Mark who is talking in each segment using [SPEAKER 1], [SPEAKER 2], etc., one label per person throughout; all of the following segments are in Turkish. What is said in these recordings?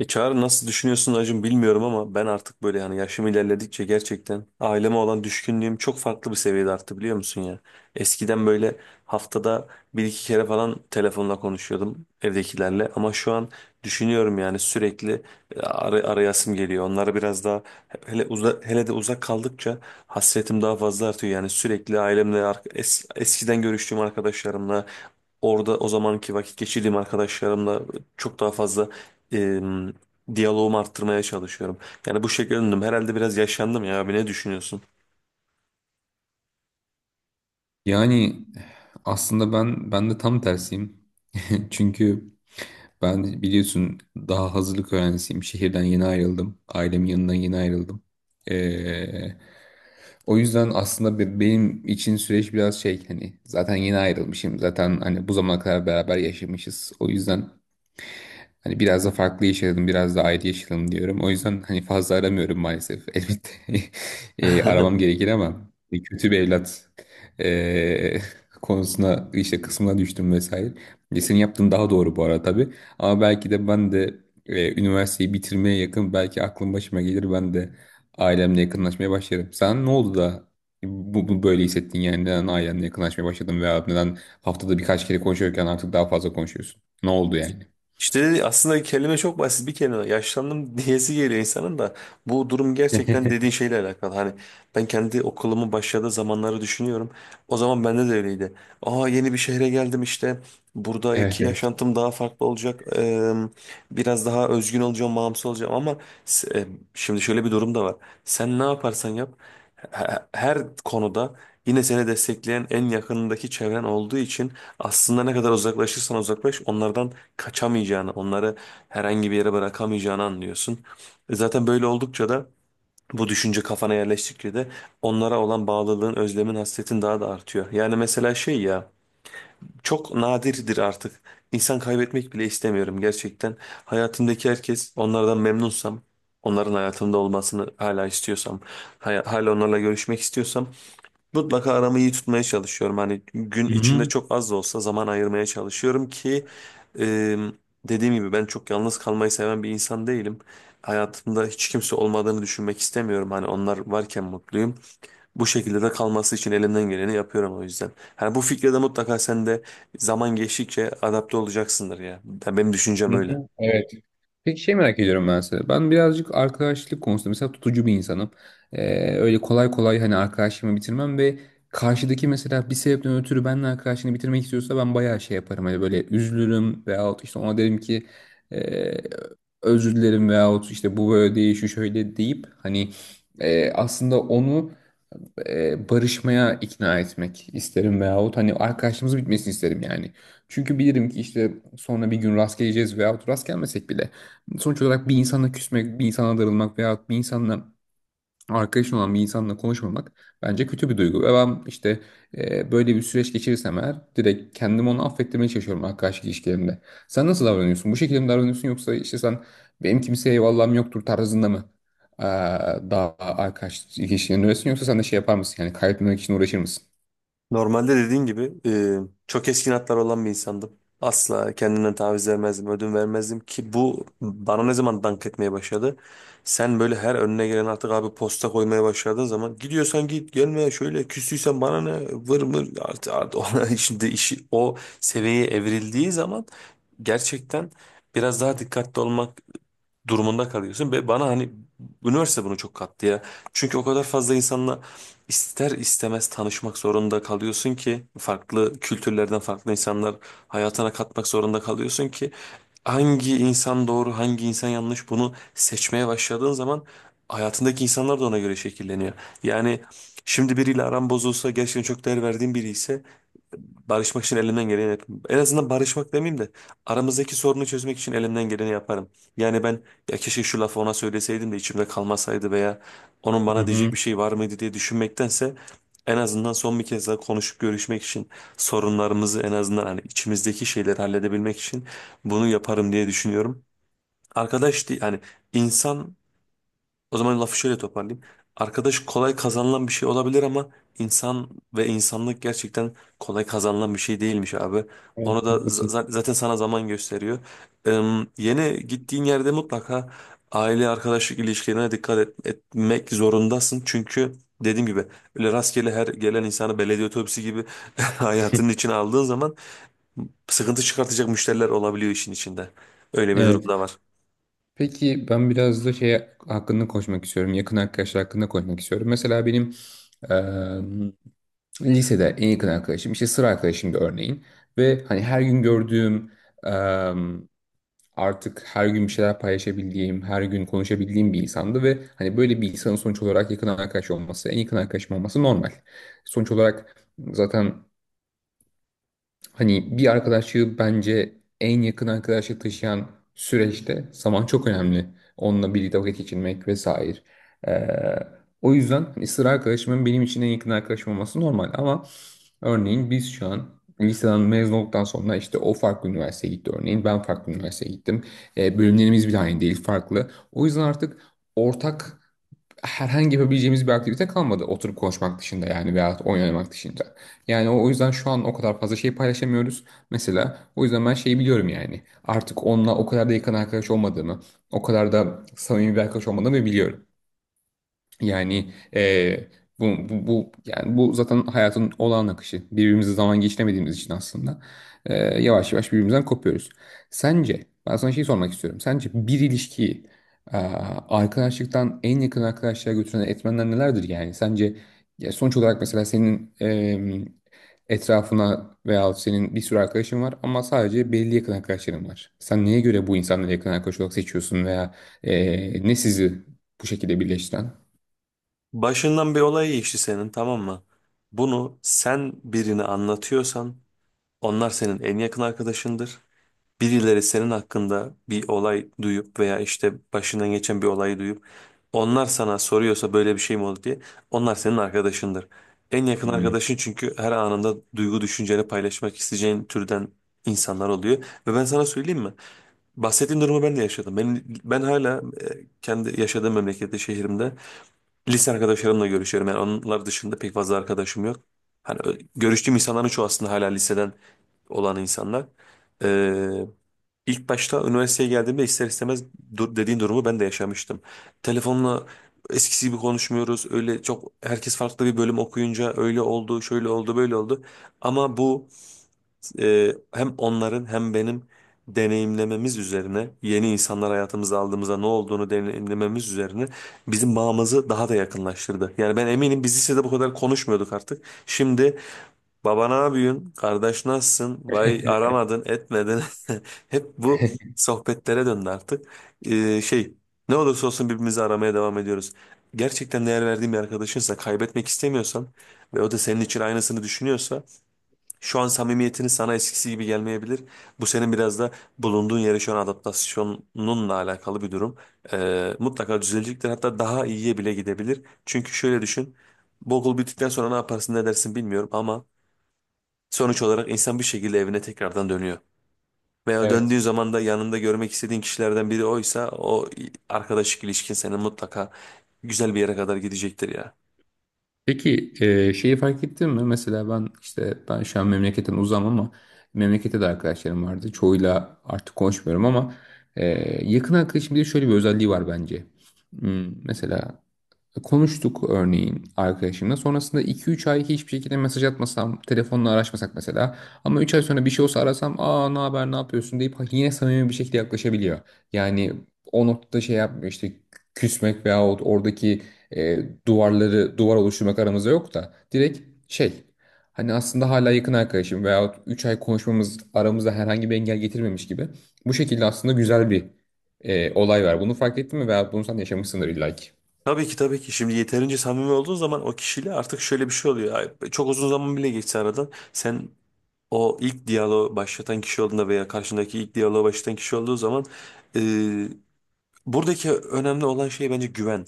[SPEAKER 1] Çağrı nasıl düşünüyorsun Acun bilmiyorum ama ben artık böyle, yani yaşım ilerledikçe gerçekten aileme olan düşkünlüğüm çok farklı bir seviyede arttı, biliyor musun ya. Eskiden böyle haftada bir iki kere falan telefonla konuşuyordum evdekilerle, ama şu an düşünüyorum yani sürekli arayasım geliyor. Onlara biraz daha, hele de uzak kaldıkça hasretim daha fazla artıyor, yani sürekli ailemle eskiden görüştüğüm arkadaşlarımla, orada o zamanki vakit geçirdiğim arkadaşlarımla çok daha fazla e, diyaloğumu arttırmaya çalışıyorum. Yani bu şekilde döndüm. Herhalde biraz yaşlandım ya abi, ne düşünüyorsun?
[SPEAKER 2] Yani aslında ben de tam tersiyim. Çünkü ben biliyorsun daha hazırlık öğrencisiyim. Şehirden yeni ayrıldım. Ailemin yanından yeni ayrıldım. Ee, O yüzden aslında benim için süreç biraz şey, hani zaten yeni ayrılmışım. Zaten hani bu zamana kadar beraber yaşamışız. O yüzden hani biraz da farklı yaşadım, biraz da ayrı yaşadım diyorum. O yüzden hani fazla aramıyorum maalesef. Elbette aramam gerekir ama kötü bir evlat e, konusuna, işte kısmına düştüm vesaire. E, senin yaptığın daha doğru bu arada tabii. Ama belki de ben de üniversiteyi bitirmeye yakın belki aklım başıma gelir, ben de ailemle yakınlaşmaya başlarım. Sen ne oldu da bu böyle hissettin, yani neden ailenle yakınlaşmaya başladın veya neden haftada birkaç kere konuşuyorken artık daha fazla konuşuyorsun? Ne oldu yani?
[SPEAKER 1] İşte aslında kelime çok basit bir kelime. Yaşlandım diyesi geliyor insanın, da bu durum gerçekten dediğin şeyle alakalı. Hani ben kendi okulumun başladığı zamanları düşünüyorum. O zaman bende de öyleydi. Aa, yeni bir şehre geldim işte. Buradaki
[SPEAKER 2] Evet, evet.
[SPEAKER 1] yaşantım daha farklı olacak. Biraz daha özgün olacağım, bağımsız olacağım, ama s- e, şimdi şöyle bir durum da var. Sen ne yaparsan yap, he- her konuda yine seni destekleyen en yakınındaki çevren olduğu için aslında ne kadar uzaklaşırsan uzaklaş, onlardan kaçamayacağını, onları herhangi bir yere bırakamayacağını anlıyorsun. E zaten böyle oldukça da, bu düşünce kafana yerleştikçe de onlara olan bağlılığın, özlemin, hasretin daha da artıyor. Yani mesela şey ya, çok nadirdir artık. İnsan kaybetmek bile istemiyorum gerçekten. Hayatımdaki herkes, onlardan memnunsam, onların hayatımda olmasını hala istiyorsam, hala onlarla görüşmek istiyorsam mutlaka aramı iyi tutmaya çalışıyorum. Hani gün
[SPEAKER 2] Hı
[SPEAKER 1] içinde
[SPEAKER 2] hı.
[SPEAKER 1] çok az da olsa zaman ayırmaya çalışıyorum ki, e, dediğim gibi ben çok yalnız kalmayı seven bir insan değilim. Hayatımda hiç kimse olmadığını düşünmek istemiyorum. Hani onlar varken mutluyum. Bu şekilde de kalması için elimden geleni yapıyorum o yüzden. Hani bu fikre de mutlaka sen de zaman geçtikçe adapte olacaksındır ya. Yani benim düşüncem
[SPEAKER 2] Hı
[SPEAKER 1] öyle.
[SPEAKER 2] hı. Evet. Peki şey merak ediyorum ben size. Ben birazcık arkadaşlık konusunda mesela tutucu bir insanım. Öyle kolay kolay hani arkadaşlığımı bitirmem ve karşıdaki mesela bir sebepten ötürü benimle arkadaşlığını bitirmek istiyorsa ben bayağı şey yaparım. Hani böyle üzülürüm veyahut işte ona derim ki e, özür dilerim, veyahut işte bu böyle değil şu şöyle deyip hani aslında onu barışmaya ikna etmek isterim veyahut hani arkadaşlığımız bitmesini isterim yani. Çünkü bilirim ki işte sonra bir gün rast geleceğiz veyahut rast gelmesek bile sonuç olarak bir insana küsmek, bir insana darılmak veyahut bir insanla, arkadaşın olan bir insanla konuşmamak bence kötü bir duygu. Ve ben işte böyle bir süreç geçirirsem eğer direkt kendimi onu affettirmeye çalışıyorum arkadaşlık ilişkilerimde. Sen nasıl davranıyorsun? Bu şekilde mi davranıyorsun yoksa işte sen benim kimseye eyvallahım yoktur tarzında mı e, daha arkadaşlık ilişkilerinde öylesin, yoksa sen de şey yapar mısın? Yani kaybetmemek için uğraşır mısın?
[SPEAKER 1] Normalde dediğin gibi, çok keskin hatlar olan bir insandım. Asla kendimden taviz vermezdim, ödün vermezdim ki bu bana ne zaman dank etmeye başladı. Sen böyle her önüne gelen artık abi posta koymaya başladığın zaman, gidiyorsan git gelme, şöyle küstüysen bana ne vır mır artık, ona şimdi işi o seviyeye evrildiği zaman gerçekten biraz daha dikkatli olmak durumunda kalıyorsun. Ve bana hani üniversite bunu çok kattı ya. Çünkü o kadar fazla insanla ister istemez tanışmak zorunda kalıyorsun ki, farklı kültürlerden farklı insanlar hayatına katmak zorunda kalıyorsun ki, hangi insan doğru, hangi insan yanlış, bunu seçmeye başladığın zaman hayatındaki insanlar da ona göre şekilleniyor. Yani şimdi biriyle aran bozulsa, gerçekten çok değer verdiğin biri ise barışmak için elimden geleni yaparım. En azından barışmak demeyeyim de aramızdaki sorunu çözmek için elimden geleni yaparım. Yani ben, ya keşke şu lafı ona söyleseydim de içimde kalmasaydı veya onun
[SPEAKER 2] Hı
[SPEAKER 1] bana diyecek
[SPEAKER 2] hı.
[SPEAKER 1] bir şey var mıydı diye düşünmektense en azından son bir kez daha konuşup görüşmek için, sorunlarımızı en azından hani içimizdeki şeyleri halledebilmek için bunu yaparım diye düşünüyorum. Arkadaş değil hani, insan, o zaman lafı şöyle toparlayayım. Arkadaş kolay kazanılan bir şey olabilir, ama insan ve insanlık gerçekten kolay kazanılan bir şey değilmiş abi. Onu
[SPEAKER 2] Evet,
[SPEAKER 1] da
[SPEAKER 2] haklısın.
[SPEAKER 1] zaten sana zaman gösteriyor. Ee, Yeni gittiğin yerde mutlaka aile arkadaşlık ilişkilerine dikkat etmek zorundasın. Çünkü dediğim gibi öyle rastgele her gelen insanı belediye otobüsü gibi hayatının içine aldığın zaman sıkıntı çıkartacak müşteriler olabiliyor işin içinde. Öyle bir durum
[SPEAKER 2] Evet.
[SPEAKER 1] da var.
[SPEAKER 2] Peki ben biraz da şey hakkında konuşmak istiyorum. Yakın arkadaşlar hakkında konuşmak istiyorum. Mesela benim eee, lisede en yakın arkadaşım işte sıra arkadaşımdı örneğin. Ve hani her gün gördüğüm, eee, artık her gün bir şeyler paylaşabildiğim, her gün konuşabildiğim bir insandı ve hani böyle bir insanın sonuç olarak yakın arkadaş olması, en yakın arkadaşım olması normal. Sonuç olarak zaten hani bir arkadaşlığı bence en yakın arkadaşlık taşıyan süreçte zaman çok önemli. Onunla birlikte vakit geçirmek vesaire. Ee, O yüzden hani sıra arkadaşımın benim için en yakın arkadaşım olması normal. Ama örneğin biz şu an liseden mezun olduktan sonra işte o farklı üniversiteye gitti örneğin. Ben farklı üniversiteye gittim. Bölümlerimiz bile aynı değil, farklı. O yüzden artık ortak herhangi yapabileceğimiz bir aktivite kalmadı. Oturup konuşmak dışında yani, veyahut oyun oynamak dışında. Yani o yüzden şu an o kadar fazla şey paylaşamıyoruz. Mesela o yüzden ben şeyi biliyorum yani. Artık onunla o kadar da yakın arkadaş olmadığımı, o kadar da samimi bir arkadaş olmadığımı biliyorum. Yani bu yani bu zaten hayatın olağan akışı. Birbirimizi zaman geçiremediğimiz için aslında eee, yavaş yavaş birbirimizden kopuyoruz. Sence, ben sana şey sormak istiyorum. Sence bir ilişkiyi eee, arkadaşlıktan en yakın arkadaşlığa götüren etmenler nelerdir yani? Sence ya sonuç olarak mesela senin etrafına veya senin bir sürü arkadaşın var ama sadece belli yakın arkadaşların var. Sen neye göre bu insanları yakın arkadaş olarak seçiyorsun veya ne sizi bu şekilde birleştiren?
[SPEAKER 1] Başından bir olay geçti senin, tamam mı? Bunu sen birine anlatıyorsan onlar senin en yakın arkadaşındır. Birileri senin hakkında bir olay duyup veya işte başından geçen bir olayı duyup onlar sana soruyorsa böyle bir şey mi oldu diye, onlar senin arkadaşındır. En yakın
[SPEAKER 2] Hmm.
[SPEAKER 1] arkadaşın, çünkü her anında duygu düşünceni paylaşmak isteyeceğin türden insanlar oluyor. Ve ben sana söyleyeyim mi? Bahsettiğin durumu ben de yaşadım. Ben hala, kendi yaşadığım memlekette, şehrimde lise arkadaşlarımla görüşüyorum. Yani onlar dışında pek fazla arkadaşım yok. Hani görüştüğüm insanların çoğu aslında hala liseden olan insanlar. Ee, ilk başta üniversiteye geldiğimde ister istemez dur dediğin durumu ben de yaşamıştım. Telefonla eskisi gibi konuşmuyoruz. Öyle çok, herkes farklı bir bölüm okuyunca öyle oldu, şöyle oldu, böyle oldu. Ama bu hem onların hem benim deneyimlememiz üzerine, yeni insanlar hayatımıza aldığımızda ne olduğunu deneyimlememiz üzerine bizim bağımızı daha da yakınlaştırdı. Yani ben eminim biz lisede bu kadar konuşmuyorduk artık. Şimdi baba ne yapıyorsun, kardeş nasılsın, vay aramadın, etmedin. Hep bu sohbetlere döndü artık. Şey, ne olursa olsun birbirimizi aramaya devam ediyoruz. Gerçekten değer verdiğim bir arkadaşınsa, kaybetmek istemiyorsan ve o da senin için aynısını düşünüyorsa, şu an samimiyetini sana eskisi gibi gelmeyebilir. Bu senin biraz da bulunduğun yere şu an adaptasyonunla alakalı bir durum. Mutlaka düzelecektir. Hatta daha iyiye bile gidebilir. Çünkü şöyle düşün. Bu okul bittikten sonra ne yaparsın ne dersin bilmiyorum, ama sonuç olarak insan bir şekilde evine tekrardan dönüyor. Veya döndüğün
[SPEAKER 2] Evet.
[SPEAKER 1] zaman da yanında görmek istediğin kişilerden biri oysa, o arkadaşlık ilişkin seni mutlaka güzel bir yere kadar gidecektir ya.
[SPEAKER 2] Peki şeyi fark ettin mi? Mesela ben işte ben şu an memleketten uzam ama memlekette de arkadaşlarım vardı. Çoğuyla artık konuşmuyorum ama e, yakın arkadaşım diye şöyle bir özelliği var bence. Hmm, mesela konuştuk örneğin arkadaşımla. Sonrasında iki üç ay hiçbir şekilde mesaj atmasam, telefonla araşmasak mesela. Ama 3 ay sonra bir şey olsa arasam, aa ne haber, ne yapıyorsun deyip yine samimi bir şekilde yaklaşabiliyor. Yani o noktada şey yapmıyor, işte küsmek veyahut oradaki e, duvar oluşturmak aramızda yok da direkt şey, hani aslında hala yakın arkadaşım veyahut 3 ay konuşmamız aramızda herhangi bir engel getirmemiş gibi. Bu şekilde aslında güzel bir olay var. Bunu fark ettin mi veyahut bunu sen yaşamışsındır illa ki.
[SPEAKER 1] Tabii ki, tabii ki. Şimdi yeterince samimi olduğun zaman o kişiyle artık şöyle bir şey oluyor. Ay, çok uzun zaman bile geçse aradan, sen o ilk diyaloğu başlatan kişi olduğunda veya karşındaki ilk diyaloğu başlatan kişi olduğu zaman, e, buradaki önemli olan şey bence güven.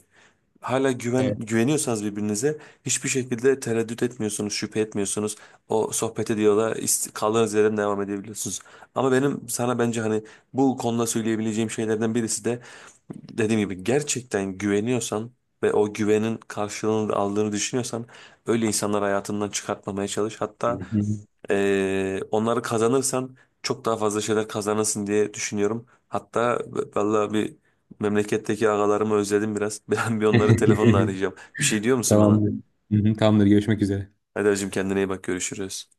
[SPEAKER 1] Hala güveniyorsanız birbirinize, hiçbir şekilde tereddüt etmiyorsunuz, şüphe etmiyorsunuz. O sohbet ediyorlar, kaldığınız yerden devam edebiliyorsunuz. Ama benim sana bence hani bu konuda söyleyebileceğim şeylerden birisi de, dediğim gibi gerçekten güveniyorsan ve o güvenin karşılığını aldığını düşünüyorsan, öyle insanlar hayatından çıkartmamaya çalış.
[SPEAKER 2] Hı
[SPEAKER 1] Hatta
[SPEAKER 2] hı.
[SPEAKER 1] onları kazanırsan çok daha fazla şeyler kazanırsın diye düşünüyorum. Hatta vallahi bir, memleketteki ağalarımı özledim biraz. Ben bir onları telefonla arayacağım. Bir şey diyor musun bana?
[SPEAKER 2] Tamamdır. Hı hı, tamamdır. Görüşmek üzere.
[SPEAKER 1] Hadi hacım, kendine iyi bak, görüşürüz.